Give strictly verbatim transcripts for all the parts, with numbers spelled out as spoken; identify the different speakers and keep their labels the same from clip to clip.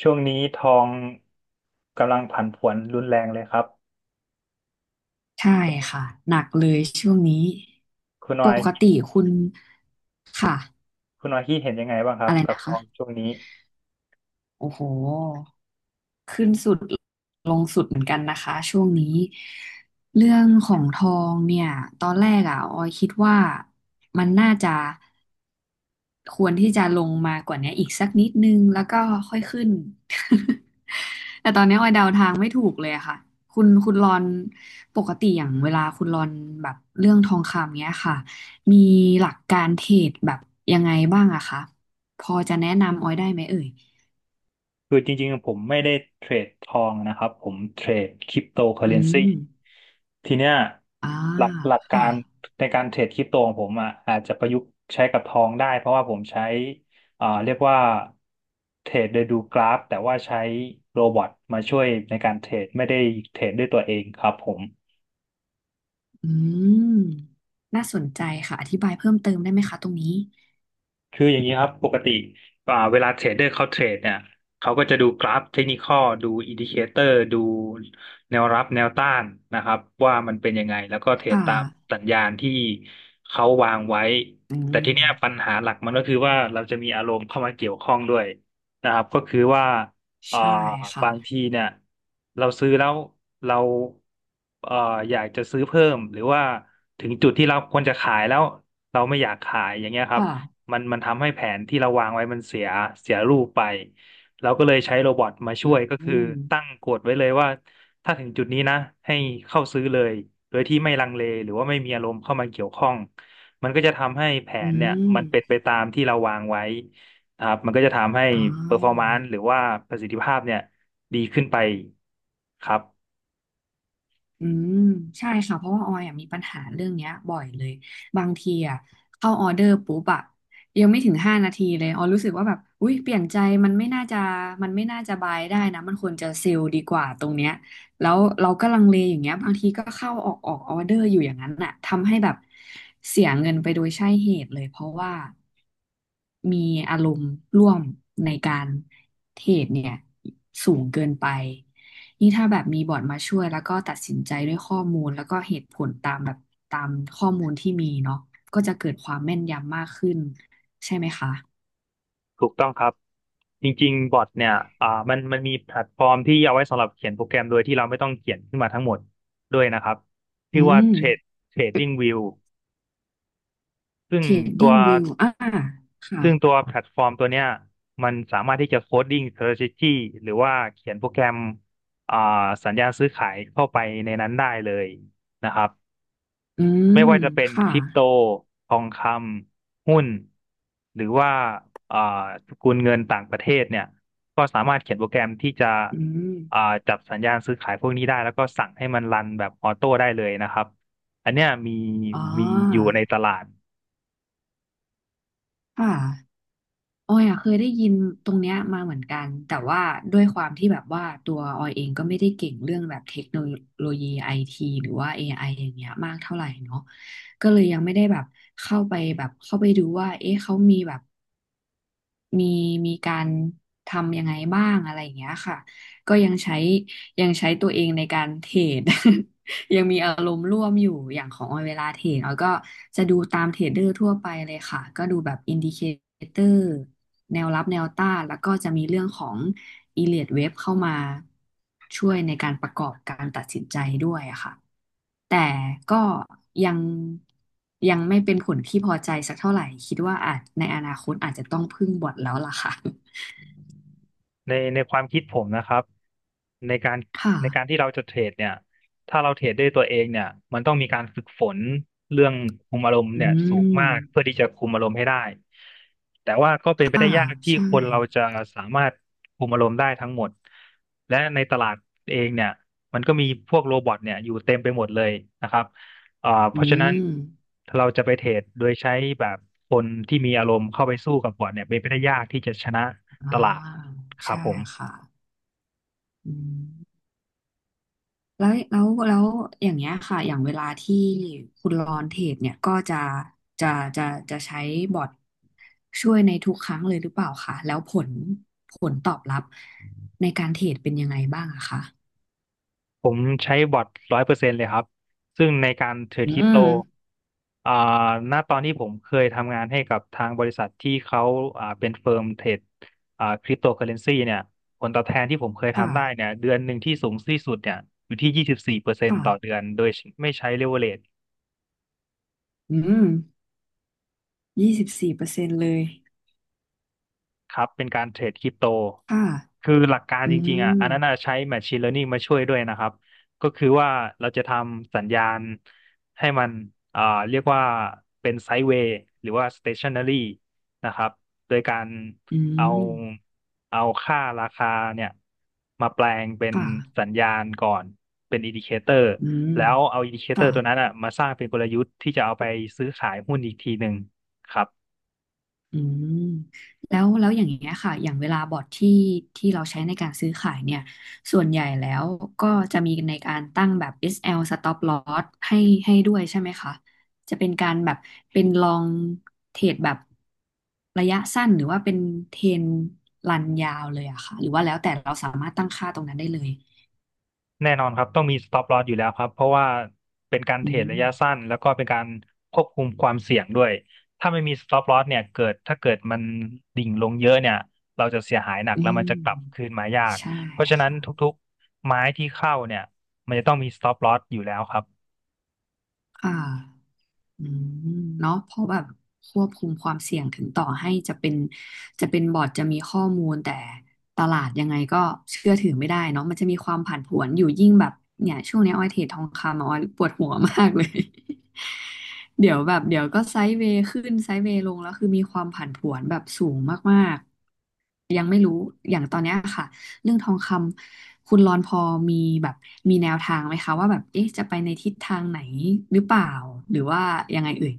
Speaker 1: ช่วงนี้ทองกำลังผันผวนรุนแรงเลยครับ
Speaker 2: ใช่ค่ะหนักเลยช่วงนี้
Speaker 1: คุณ
Speaker 2: ป
Speaker 1: น้อย
Speaker 2: ก
Speaker 1: คิด
Speaker 2: ติคุณค่ะ
Speaker 1: คุณน้อยคิดเห็นยังไงบ้างครับ
Speaker 2: อะไร
Speaker 1: กับ
Speaker 2: นะ
Speaker 1: ทอ
Speaker 2: คะ
Speaker 1: งช่วงนี้
Speaker 2: โอ้โหขึ้นสุดลงสุดเหมือนกันนะคะช่วงนี้เรื่องของทองเนี่ยตอนแรกอ่ะออยคิดว่ามันน่าจะ ควรที่จะลงมากว่านี้อีกสักนิดนึงแล้วก็ค่อยขึ้น แต่ตอนนี้ออยเดาทางไม่ถูกเลยอะค่ะ คุณคุณรอนปกติอย่างเวลาคุณรอนแบบเรื่องทองคำเนี้ยค่ะ มีหลักการเทรดแบบยังไงบ้างอะคะ พอจะแนะนำออยได้ไหมเอ่ย
Speaker 1: คือจริงๆผมไม่ได้เทรดทองนะครับผมเทรดคริปโตเคอ
Speaker 2: อื
Speaker 1: เรนซี
Speaker 2: ม
Speaker 1: ทีเนี้ย
Speaker 2: อ่า
Speaker 1: หลักหลักกา
Speaker 2: ค่ะ
Speaker 1: รในการเทรดคริปโตของผมอ่ะอาจจะประยุกต์ใช้กับทองได้เพราะว่าผมใช้อ่าเรียกว่าเทรดโดยดูกราฟแต่ว่าใช้โรบอทมาช่วยในการเทรดไม่ได้เทรดด้วยตัวเองครับผม
Speaker 2: อืม น่าสนใจค่ะ อธิบายเพิ่มเติมได้ไหมคะตรงนี้
Speaker 1: คืออย่างนี้ครับปกติอ่าเวลาเทรดเดอร์เขาเทรดเนี่ยเขาก็จะดูกราฟเทคนิคอลดูอินดิเคเตอร์ดูแนวรับแนวต้านนะครับว่ามันเป็นยังไงแล้วก็เทรด
Speaker 2: ค่ะ
Speaker 1: ตามสัญญาณที่เขาวางไว้
Speaker 2: อื
Speaker 1: แต่
Speaker 2: ม
Speaker 1: ทีเนี้ยปัญหาหลักมันก็คือว่าเราจะมีอารมณ์เข้ามาเกี่ยวข้องด้วยนะครับก็คือว่าเอ่อ
Speaker 2: ใช่ค่ะ
Speaker 1: บางทีเนี่ยเราซื้อแล้วเราเอ่ออยากจะซื้อเพิ่มหรือว่าถึงจุดที่เราควรจะขายแล้วเราไม่อยากขายอย่างเงี้ยครับ
Speaker 2: ค่ะ
Speaker 1: มันมันทำให้แผนที่เราวางไว้มันเสียเสียรูปไปเราก็เลยใช้โรบอทมาช่วยก็
Speaker 2: อื
Speaker 1: คือ
Speaker 2: ม
Speaker 1: ตั้งกฎไว้เลยว่าถ้าถึงจุดนี้นะให้เข้าซื้อเลยโดยที่ไม่ลังเลหรือว่าไม่มีอารมณ์เข้ามาเกี่ยวข้อง มันก็จะทำให้แผ
Speaker 2: อื
Speaker 1: นเนี่ยมันเป็นไป
Speaker 2: ม
Speaker 1: ตามที่เราวางไว้นะครับมันก็จะทำให้
Speaker 2: อ๋
Speaker 1: เปอร์ฟอร์ม
Speaker 2: อ
Speaker 1: นซ์หรือว่าประสิทธิภาพเนี่ยดีขึ้นไปครับ
Speaker 2: อืมใช่ค่ะเพราะว่าออยอะมีปัญหาเรื่องเนี้ยบ่อยเลยบางทีอ่ะเข้าออเดอร์ปุ๊บอ่ะยังไม่ถึงห้านาทีเลยออยรู้สึกว่าแบบอุ๊ยเปลี่ยนใจ มันไม่น่าจะมันไม่น่าจะบายได้นะมันควรจะเซลล์ดีกว่าตรงเนี้ยแล้วเราก็ลังเลอย่างเงี้ยบางทีก็เข้าออกออกออเดอร์อยู่อย่างนั้นอ่ะทำให้แบบเสียเงินไปโดยใช่เหตุเลยเพราะว่ามีอารมณ์ร่วมในการเทรดเนี่ยสูงเกินไป นี่ถ้าแบบมีบอร์ดมาช่วยแล้วก็ตัดสินใจด้วยข้อมูลแล้วก็เหตุผลตามแบบตามข้อมูลที่มีเนาะก็จะเกิดความแม่นยำมากขึ้นใช่ไหมคะ
Speaker 1: ถูกต้องครับจริงๆบอทเนี่ยอ่ามันมันมีแพลตฟอร์มที่เอาไว้สำหรับเขียนโปรแกรมโดยที่เราไม่ต้องเขียนขึ้นมาทั้งหมดด้วยนะครับ
Speaker 2: อื
Speaker 1: ชื่อว่า
Speaker 2: ม
Speaker 1: Trade Trading View ซึ่ง
Speaker 2: เทรด
Speaker 1: ตั
Speaker 2: ดิ้
Speaker 1: ว
Speaker 2: งวิวอ่าค่ะ
Speaker 1: ซึ่งตัวแพลตฟอร์มตัวเนี้ยมันสามารถที่จะโคดดิ้ง strategy หรือว่าเขียนโปรแกรมอ่าสัญญาณซื้อขายเข้าไปในนั้นได้เลยนะครับ
Speaker 2: อืม
Speaker 1: ไม่ว่าจะเป็น
Speaker 2: ค่ะ
Speaker 1: คริปโตทองคำหุ้นหรือว่าอ่าสกุลเงินต่างประเทศเนี่ยก็สามารถเขียนโปรแกรมที่จะ
Speaker 2: อื
Speaker 1: อ่า
Speaker 2: ม
Speaker 1: จับสัญญาณซื้อขายพวกนี้ได้แล้วก็สั่งให้มันรันแบบออโต้ได้เลยนะครับอันเนี้ยมี
Speaker 2: อ๋อ
Speaker 1: มีอยู่ในตลาด
Speaker 2: ค่ะ ออยอะเคยได้ยินตรงเนี้ยมาเหมือนกันแต่ว่าด้วยความที่แบบว่าตัวออยเองก็ไม่ได้เก่งเรื่องแบบเทคโนโลยีไอทีหรือว่า เอ ไอ อไออย่างเงี้ยมากเท่าไหร่เนาะก็เลยยังไม่ได้แบบเข้าไปแบบเข้าไปดูว่าเอ๊ะเขามีแบบ มีมีการทำยังไงบ้างอะไรอย่างเงี้ยค่ะก็ยังใช้ยังใช้ตัวเองในการเทรด ยังมีอารมณ์ร่วมอยู่อย่างของออยเวลาเทรดออยก็จะดูตามเทรดเดอร์ทั่วไปเลยค่ะก็ดูแบบอินดิเคเตอร์แนวรับแนวต้านแล้วก็จะมีเรื่องของ อีเลียดเว็บเข้ามาช่วยในการประกอบการตัดสินใจด้วยอะค่ะแต่ก็ยังยังไม่เป็นผลที่พอใจสักเท่าไหร่คิดว่าอาจในอนาคตอาจจะต้องพึ่งบอทแล้วล่ะค่ะ
Speaker 1: ในในความคิดผมนะครับในการ
Speaker 2: ค่ะ
Speaker 1: ในการที่เราจะเทรดเนี่ยถ้าเราเทรดด้วยตัวเองเนี่ยมันต้องมีการฝึกฝนเรื่องคุมอารมณ์
Speaker 2: อื
Speaker 1: เนี่ยสูงมากเพื่อ
Speaker 2: ม
Speaker 1: ที่จะคุมอารมณ์ให้ได้แต่ว่าก็เป็นไป
Speaker 2: ค่ะ
Speaker 1: ได้ยากที่
Speaker 2: ใช่
Speaker 1: คนเราจะสามารถคุมอารมณ์ได้ทั้งหมดและในตลาดเองเนี่ยมันก็มีพวกโรบอทเนี่ยอยู่เต็มไปหมดเลยนะครับอ่าเพ
Speaker 2: อื
Speaker 1: ราะฉะนั้น
Speaker 2: ม
Speaker 1: เราจะไปเทรดโดยใช้แบบคนที่มีอารมณ์เข้าไปสู้กับบอทเนี่ยเป็นไปได้ยากที่จะชนะ
Speaker 2: อ่า
Speaker 1: ตลาดครับ
Speaker 2: ใช่
Speaker 1: ผม
Speaker 2: ค่ะอืม แล้วแล้วแล้วอย่างเงี้ยค่ะอย่างเวลาที่คุณรอนเทรดเนี่ยก็จะจะจะจะใช้บอทช่วยในทุกครั้งเลยหรือเปล่าคะแล้วผลผลตอบรับในการเทรดเป็นยังไงบ้างอะคะ
Speaker 1: ผมใช้บอทร้อยเปอร์เซ็นต์เลยครับ ซึ่งในการเทรด
Speaker 2: อื
Speaker 1: คริปโต
Speaker 2: ม
Speaker 1: อ่าณตอนที่ผมเคยทำงานให้กับทางบริษัทที่เขาอ่าเป็นเฟิร์มเทรดอ่าคริปโตเคอเรนซีเนี่ยผลตอบแทนที่ผมเคย
Speaker 2: ค่ะ
Speaker 1: ทำได้เนี่ยเดือนหนึ่งที่สูงที่สุดเนี่ยอยู่ที่ยี่สิบสี่เปอร์เซ็นต์ต่อเดื
Speaker 2: ค่ะ
Speaker 1: อนโดยไม่ใช้เลเวอเรจ
Speaker 2: อืมยี่สิบสี่เปอร์เซ็นต์เลย
Speaker 1: ครับเป็นการเทรดคริปโต
Speaker 2: ค่ะ
Speaker 1: คือหลักการ
Speaker 2: อื
Speaker 1: จริงๆอ่ะ
Speaker 2: ม
Speaker 1: อันนั้นน่ะใช้ Machine Learning มาช่วยด้วยนะครับก็คือว่าเราจะทำสัญญาณให้มันอ่าเรียกว่าเป็นไซด์เวย์หรือว่า stationary นะครับโดยการ
Speaker 2: อื
Speaker 1: เอา
Speaker 2: ม
Speaker 1: เอาค่าราคาเนี่ยมาแปลงเป็น
Speaker 2: ค่ะ
Speaker 1: สัญญาณก่อนเป็นอินดิเคเตอร์
Speaker 2: อืม
Speaker 1: แล้วเอาอินดิเคเตอ
Speaker 2: ค่ะ
Speaker 1: ร์ตัวนั้นอ่ะมาสร้างเป็นกลยุทธ์ที่จะเอาไปซื้อขายหุ้นอีกทีหนึ่งครับ
Speaker 2: อืมแล้วแล้วอย่างเงี้ยค่ะอย่างเวลาบอทที่ที่เราใช้ในการซื้อขายเนี่ยส่วนใหญ่แล้วก็จะมีในการตั้งแบบ เอส แอล Stop Loss ให้ให้ด้วยใช่ไหมคะจะเป็นการแบบเป็นลองเทรดแบบระยะสั้นหรือว่าเป็นเทรนรันยาวเลยอะค่ะหรือว่าแล้วแต่เราสามารถตั้งค่าตรงนั้นได้เลย
Speaker 1: แน่นอนครับต้องมี stop loss อยู่แล้วครับเพราะว่าเป็นการ
Speaker 2: อื
Speaker 1: เทรด
Speaker 2: ม
Speaker 1: ระยะสั้นแล้วก็เป็นการควบคุมความเสี่ยงด้วยถ้าไม่มี stop loss เนี่ยเกิดถ้าเกิดมันดิ่งลงเยอะเนี่ยเราจะเสียหายหนัก
Speaker 2: อื
Speaker 1: แล้วมัน
Speaker 2: ม
Speaker 1: จะกลับคืนมายาก
Speaker 2: ใช่
Speaker 1: เพราะฉะนั้น
Speaker 2: ค่ะ
Speaker 1: ทุกๆไม้ที่เข้าเนี่ยมันจะต้องมี stop loss อยู่แล้วครับ
Speaker 2: ค่ะ อืมเนาะเพราะแบบควบคุมความเสี่ยงถึงต่อให้จะเป็นจะเป็นบอร์ดจะมีข้อมูลแต่ตลาดยังไงก็เชื่อถือไม่ได้เนาะมันจะมีความผันผวนอยู่ยิ่งแบบเนี่ยช่วงนี้ออยเทรดทองคำอะออยปวดหัวมากเลย เดี๋ยวแบบเดี๋ยวก็ไซด์เวย์ขึ้นไซด์เวย์ลงแล้วคือมีความผันผวนแบบสูงมากๆยังไม่รู้อย่างตอนเนี้ยค่ะ เรื่องทองคำคุณรอนพอมีแบบมีแนวทางไหมคะว่าแบบเอ๊ะจะไปในทิศทางไหนหรือเปล่าหรือว่ายังไงเอ่ย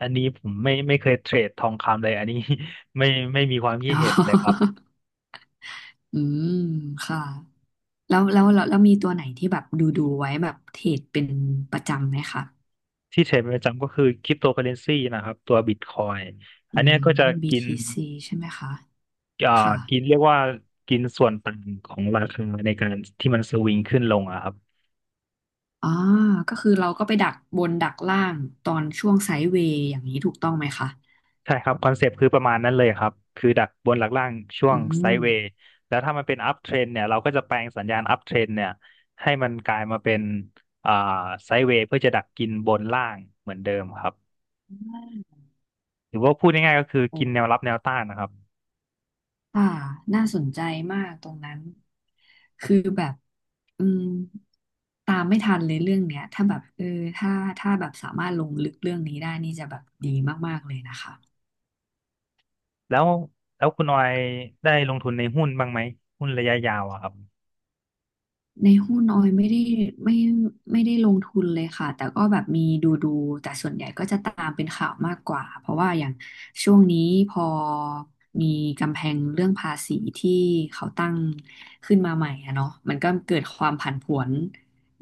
Speaker 1: อันนี้ผมไม่ไม่เคยเทรดทองคำเลยอันนี้ ไม่ไม่มีความคิ ด
Speaker 2: อ๋อ
Speaker 1: เห็นเลยครับ
Speaker 2: อืมค่ะแล้วแล้วแล้วแล้วมีตัวไหนที่แบบดูดูไว้แบบเทรดเป็นประจำไหมคะ
Speaker 1: ที่เทรดเป็นประจำก็คือคริปโตเคอเรนซีนะครับตัวบิตคอย
Speaker 2: อื
Speaker 1: อันเนี้ย
Speaker 2: ม
Speaker 1: ก็จะกิน
Speaker 2: บี ที ซี ใช่ไหมคะ
Speaker 1: อ่า
Speaker 2: ค่ะ
Speaker 1: กินเรียกว่ากินส่วนต่างของราคาในการที่มันสวิงขึ้นลงอะครับ
Speaker 2: อ๋อก็คือเราก็ไปดักบนดักล่างตอนช่วงไซด์เวย์อย่างนี้ถูกต้องไหมคะ
Speaker 1: ใช่ครับคอนเซปต์คือประมาณนั้นเลยครับคือดักบนหลักล่างช่ว
Speaker 2: อื
Speaker 1: งไซ
Speaker 2: ม
Speaker 1: ด์เวย์แล้วถ้ามันเป็นอัพเทรนเนี่ยเราก็จะแปลงสัญญาณอัพเทรนเนี่ยให้มันกลายมาเป็นอ่าไซด์เวย์เพื่อจะดักกินบนล่างเหมือนเดิมครับหรือว่าพูดง่ายๆก็คือ
Speaker 2: โอ
Speaker 1: กินแนว
Speaker 2: ้
Speaker 1: รับแนวต้านนะครับ
Speaker 2: อ่าน่าสนใจมากตรงนั้น คือแบบอืมตามไม่ทันเลยเรื่องเนี้ยถ้าแบบเออถ้าถ้าแบบสามารถลงลึกเรื่องนี้ได้ นี่จะแบบดีมากๆเลยนะคะ
Speaker 1: แล้วแล้วคุณออยได้ลงทุนในหุ้นบ้างไหมหุ้นระยะยาวอะครับ
Speaker 2: ในหุ้นออยไม่ได้ไม่ไม่ได้ลงทุนเลยค่ะแต่ก็แบบมีดูดูแต่ส่วนใหญ่ก็จะตามเป็นข่าวมากกว่าเพราะว่าอย่างช่วงนี้พอมีกำแพงเรื่องภาษีที่เขาตั้งขึ้นมาใหม่อะเนาะมันก็เกิดความผันผวน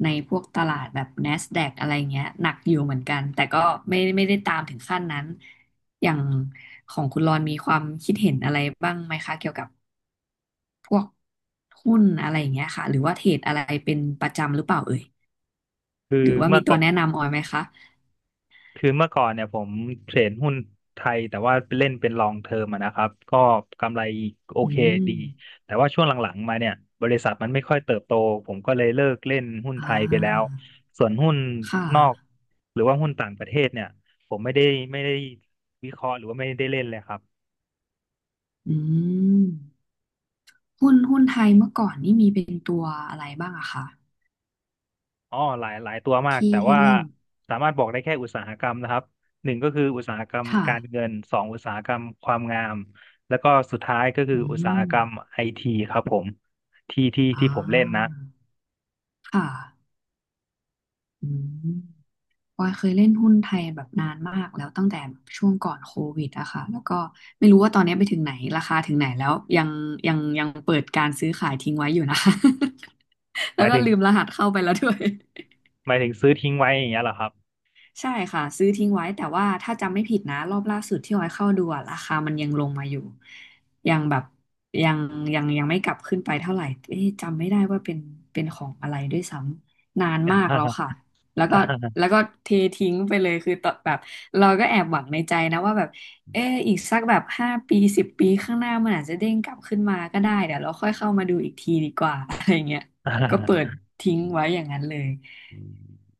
Speaker 2: ในพวกตลาดแบบ NASDAQ อะไรเงี้ยหนักอยู่เหมือนกันแต่ก็ไม่ไม่ได้ตามถึงขั้นนั้นอย่างของคุณรอนมีความคิดเห็นอะไรบ้างไหมคะเกี่ยวกับ พวกหุ้นอะไรอย่างเงี้ยค่ะหรือว่าเทรดอะไรเป็นประจำหรือเปล่าเอ่ย
Speaker 1: คือ
Speaker 2: หรือว่า
Speaker 1: เมื่
Speaker 2: มี
Speaker 1: อ
Speaker 2: ตัวแนะนำออยไหมคะ
Speaker 1: คือเมื่อก่อนเนี่ยผมเทรดหุ้นไทยแต่ว่าเล่นเป็นลองเทอมอะนะครับก็กำไรโอ
Speaker 2: อื
Speaker 1: เค
Speaker 2: ม
Speaker 1: ดีแต่ว่าช่วงหลังๆมาเนี่ยบริษัทมันไม่ค่อยเติบโตผมก็เลยเลิกเล่นหุ้น
Speaker 2: อ่
Speaker 1: ไทยไปแล้ว
Speaker 2: า
Speaker 1: ส่วนหุ้น
Speaker 2: ค่ะ
Speaker 1: นอกหรือว่าหุ้นต่างประเทศเนี่ยผมไม่ได้ไม่ได้วิเคราะห์หรือว่าไม่ได้เล่นเลยครับ
Speaker 2: อืมหุ้นหุ้นไทยเมื่อก่อนนี่มีเป็นตัวอะไรบ้างอะคะ
Speaker 1: อ๋อหลายหลายตัวมาก
Speaker 2: ที่
Speaker 1: แต่
Speaker 2: ที่
Speaker 1: ว่า
Speaker 2: เล่น
Speaker 1: สามารถบอกได้แค่อุตสาหกรรมนะครับหนึ่งก็คืออุตสาหกรรม
Speaker 2: ค่ะ
Speaker 1: การเงินสองอุตสาหกรรมความงามแล้วก็สุดท้ายก็คือ
Speaker 2: อื
Speaker 1: อุตสาห
Speaker 2: ม
Speaker 1: กรรมไอทีครับผมที่ที่
Speaker 2: อ่
Speaker 1: ที่ผมเล่นนะ
Speaker 2: าค่ะอืม ปอยเคยเล่นหุ้นไทยแบบนานมากแล้วตั้งแต่ช่วงก่อนโควิดอะค่ะแล้วก็ไม่รู้ว่าตอนนี้ไปถึงไหนราคาถึงไหนแล้วยังยังยังเปิดการซื้อขายทิ้งไว้อยู่นะ
Speaker 1: ห
Speaker 2: แล้ว
Speaker 1: มาย
Speaker 2: ก็
Speaker 1: ถึง
Speaker 2: ลืมรหัสเข้าไปแล้วด้วย
Speaker 1: หมายถึงซื้อทิ้งไว้อย่างเงี้ยเหรอครับ
Speaker 2: ใช่ค่ะซื้อทิ้งไว้แต่ว่าถ้าจำไม่ผิดนะรอบล่าสุดที่ออยเข้าดูอะราคามันยังลงมาอยู่ยังแบบยังยังยังไม่กลับขึ้นไปเท่าไหร่เอ๊ะจำไม่ได้ว่าเป็นเป็นของอะไรด้วยซ้ำนาน
Speaker 1: อ
Speaker 2: มากแล้ว
Speaker 1: ่า
Speaker 2: ค่ะแล้วก็แล้วก็เททิ้งไปเลยคือตอนแบบเราก็แอบหวังในใจนะว่าแบบเอออีกสักแบบห้าปีสิบปีข้างหน้ามันอาจจะเด้งกลับขึ้นมาก็ได้เดี๋ยวเราค่อยเข้ามาดูอีกทีดีกว่า อะไรเงี้ยก็เปิด ทิ้งไว้อย่างนั้นเลย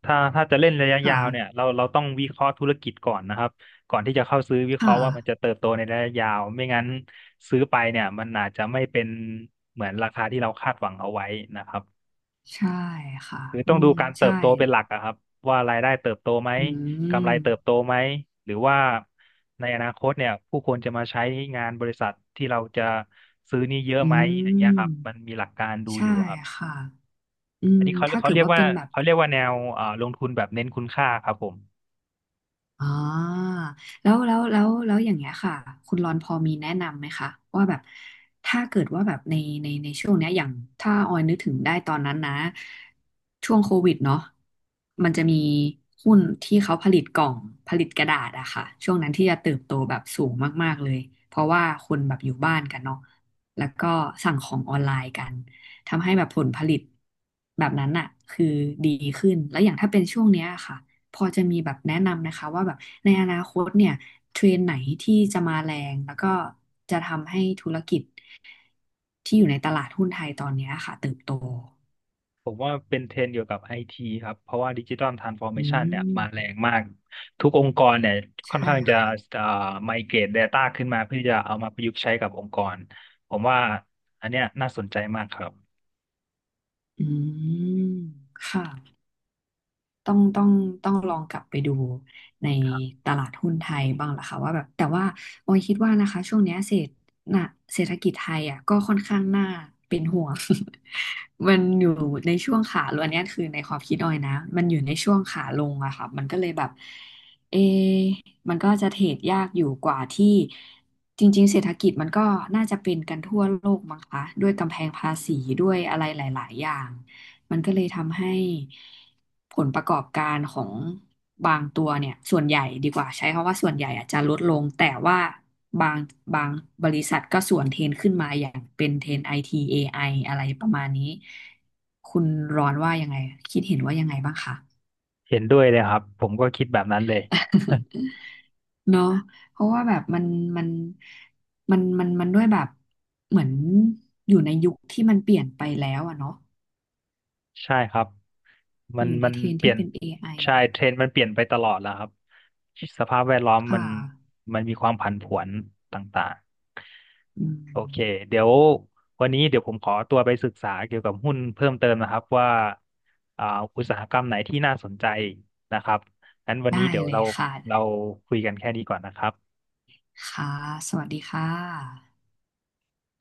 Speaker 1: ถ้าถ้าจะเล่นระยะยาวเนี่ย
Speaker 2: ค่ะ
Speaker 1: เราเราต้องวิเคราะห์ธุรกิจก่อนนะครับก่อนที่จะเข้าซื้อวิเค
Speaker 2: ค่ะ
Speaker 1: ราะห์ว่ามันจะเติบโตในระยะยาวไม่งั้นซื้อไปเนี่ยมันอาจจะไม่เป็นเหมือนราคาที่เราคาดหวังเอาไว้นะครับ
Speaker 2: ใช่ค่ะ
Speaker 1: คือ
Speaker 2: อื
Speaker 1: ต้องดู
Speaker 2: ม
Speaker 1: การเติ
Speaker 2: ใช่
Speaker 1: บโตเป็นหลักอะครับว่ารายได้เติบโตไหม
Speaker 2: อื
Speaker 1: กำไร
Speaker 2: ม
Speaker 1: เติบโตไหมหรือว่าในอนาคตเนี่ยผู้คนจะมาใช้งานบริษัทที่เราจะซื้อนี่เยอะ
Speaker 2: อื
Speaker 1: ไหมอย่างเงี้ยครับมัน
Speaker 2: ม
Speaker 1: มีหลักการดูอ
Speaker 2: ใช่
Speaker 1: ยู่ครับ
Speaker 2: ค่ะ อื
Speaker 1: อั
Speaker 2: ม
Speaker 1: นนี้เขา
Speaker 2: ถ้า
Speaker 1: เขา
Speaker 2: เกิด
Speaker 1: เรียก
Speaker 2: ว่า
Speaker 1: ว่า
Speaker 2: เป็นแบบ
Speaker 1: เขาเรียกว่าแนวเอ่อลงทุนแบบเน้นคุณค่าครับผม
Speaker 2: อ๋อแล้วแล้วแล้วแล้วอย่างเงี้ยค่ะคุณรอนพอมีแนะนำไหมคะว่าแบบถ้าเกิดว่าแบบในในในช่วงเนี้ยอย่างถ้าออยนึกถึงได้ตอนนั้นนะช่วงโควิดเนาะมันจะมีหุ้นที่เขาผลิตกล่องผลิตกระดาษอะค่ะช่วงนั้นที่จะเติบโตแบบสูงมากๆเลยเพราะว่าคนแบบอยู่บ้านกันเนาะแล้วก็สั่งของออนไลน์กันทำให้แบบผลผลิตแบบนั้นอะคือดีขึ้นแล้วอย่างถ้าเป็นช่วงเนี้ยค่ะ พอจะมีแบบแนะนำนะคะว่าแบบในอนาคตเนี่ยเทรนด์ไหนที่จะมาแรงแล้วก็จะทำให้ธุรกิจที่อยู่ในตลาดหุ้นไทยตอนเนี้ยค่ะเติบโต
Speaker 1: ผมว่าเป็นเทรนด์เกี่ยวกับไอทีครับเพราะว่าดิจิ t a ลทรานส์ฟอร์เม
Speaker 2: อื
Speaker 1: ชันเนี่ยมาแร
Speaker 2: ม
Speaker 1: งมากทุกองค์กรเนี่ยค่อน
Speaker 2: ใช่
Speaker 1: ข้างจะ
Speaker 2: ค่ะ
Speaker 1: เอ่อไมเกรต Data ขึ้นมาเพื่อจะเอามาประยุกต์ใช้กับองค์กรผมว่าอันเนี้ยน่าสนใจมากครับ
Speaker 2: อืมค่ะ ต้องต้องต้องลองกลับไปดูในตลาดหุ้นไทยบ้างล่ะค่ะว่าแบบแต่ว่าออยคิดว่านะคะช่วงเนี้ยเศรษฐน่ะเศรษฐกิจไทยอ่ะก็ค่อนข้างน่าเป็นห่วง มันอยู่ในช่วงขาลงอันเนี้ยคือในความคิดออยนะมันอยู่ในช่วงขาลงอะค่ะมันก็เลยแบบเอะมันก็จะเทรดยากอยู่กว่าที่จริงๆเศรษฐกิจมันก็น่าจะเป็นกันทั่วโลกมั้งคะด้วยกำแพงภาษีด้วยอะไรหลายๆอย่าง มันก็เลยทำให้ผลประกอบการของบางตัวเนี่ยส่วนใหญ่ดีกว่าใช้คำว่าส่วนใหญ่อาจจะลดลงแต่ว่าบางบางบริษัทก็สวนเทรนขึ้นมาอย่างเป็นเทรนไอทีเอไออะไรประมาณนี้คุณร้อนว่ายังไงคิดเห็นว่ายังไงบ้างคะ
Speaker 1: เห็นด้วยเลยครับผมก็คิดแบบนั้นเลย
Speaker 2: เนาะเพราะว่าแบบมันมันมันมันมันด้วยแบบเหมือนอยู่ในยุคที่มันเปลี่ยนไปแล้วอะเนาะ
Speaker 1: ใช่ครับมั
Speaker 2: อ
Speaker 1: น
Speaker 2: ยู่ใน
Speaker 1: มัน
Speaker 2: เทรน
Speaker 1: เปลี่
Speaker 2: ที่
Speaker 1: ยน
Speaker 2: เป็นเอไอ
Speaker 1: ใช่เทรนด์มันเปลี่ยนไปตลอดแล้วครับสภาพแวดล้อม
Speaker 2: ค่ะ
Speaker 1: มันมันมีความผันผวนต่าง
Speaker 2: อื
Speaker 1: ๆโอ
Speaker 2: ม
Speaker 1: เคเดี๋ยววันนี้เดี๋ยวผมขอตัวไปศึกษาเกี่ยวกับหุ้นเพิ่มเติมนะครับว่าอ่าอุตสาหกรรมไหนที่น่าสนใจนะครับงั้นวันนี้
Speaker 2: ได้
Speaker 1: เดี๋ยว
Speaker 2: เล
Speaker 1: เรา
Speaker 2: ยค่ะ
Speaker 1: เราคุยกันแค่นี้ก่อนนะครับ
Speaker 2: ค่ะ สวัสดีค่ะ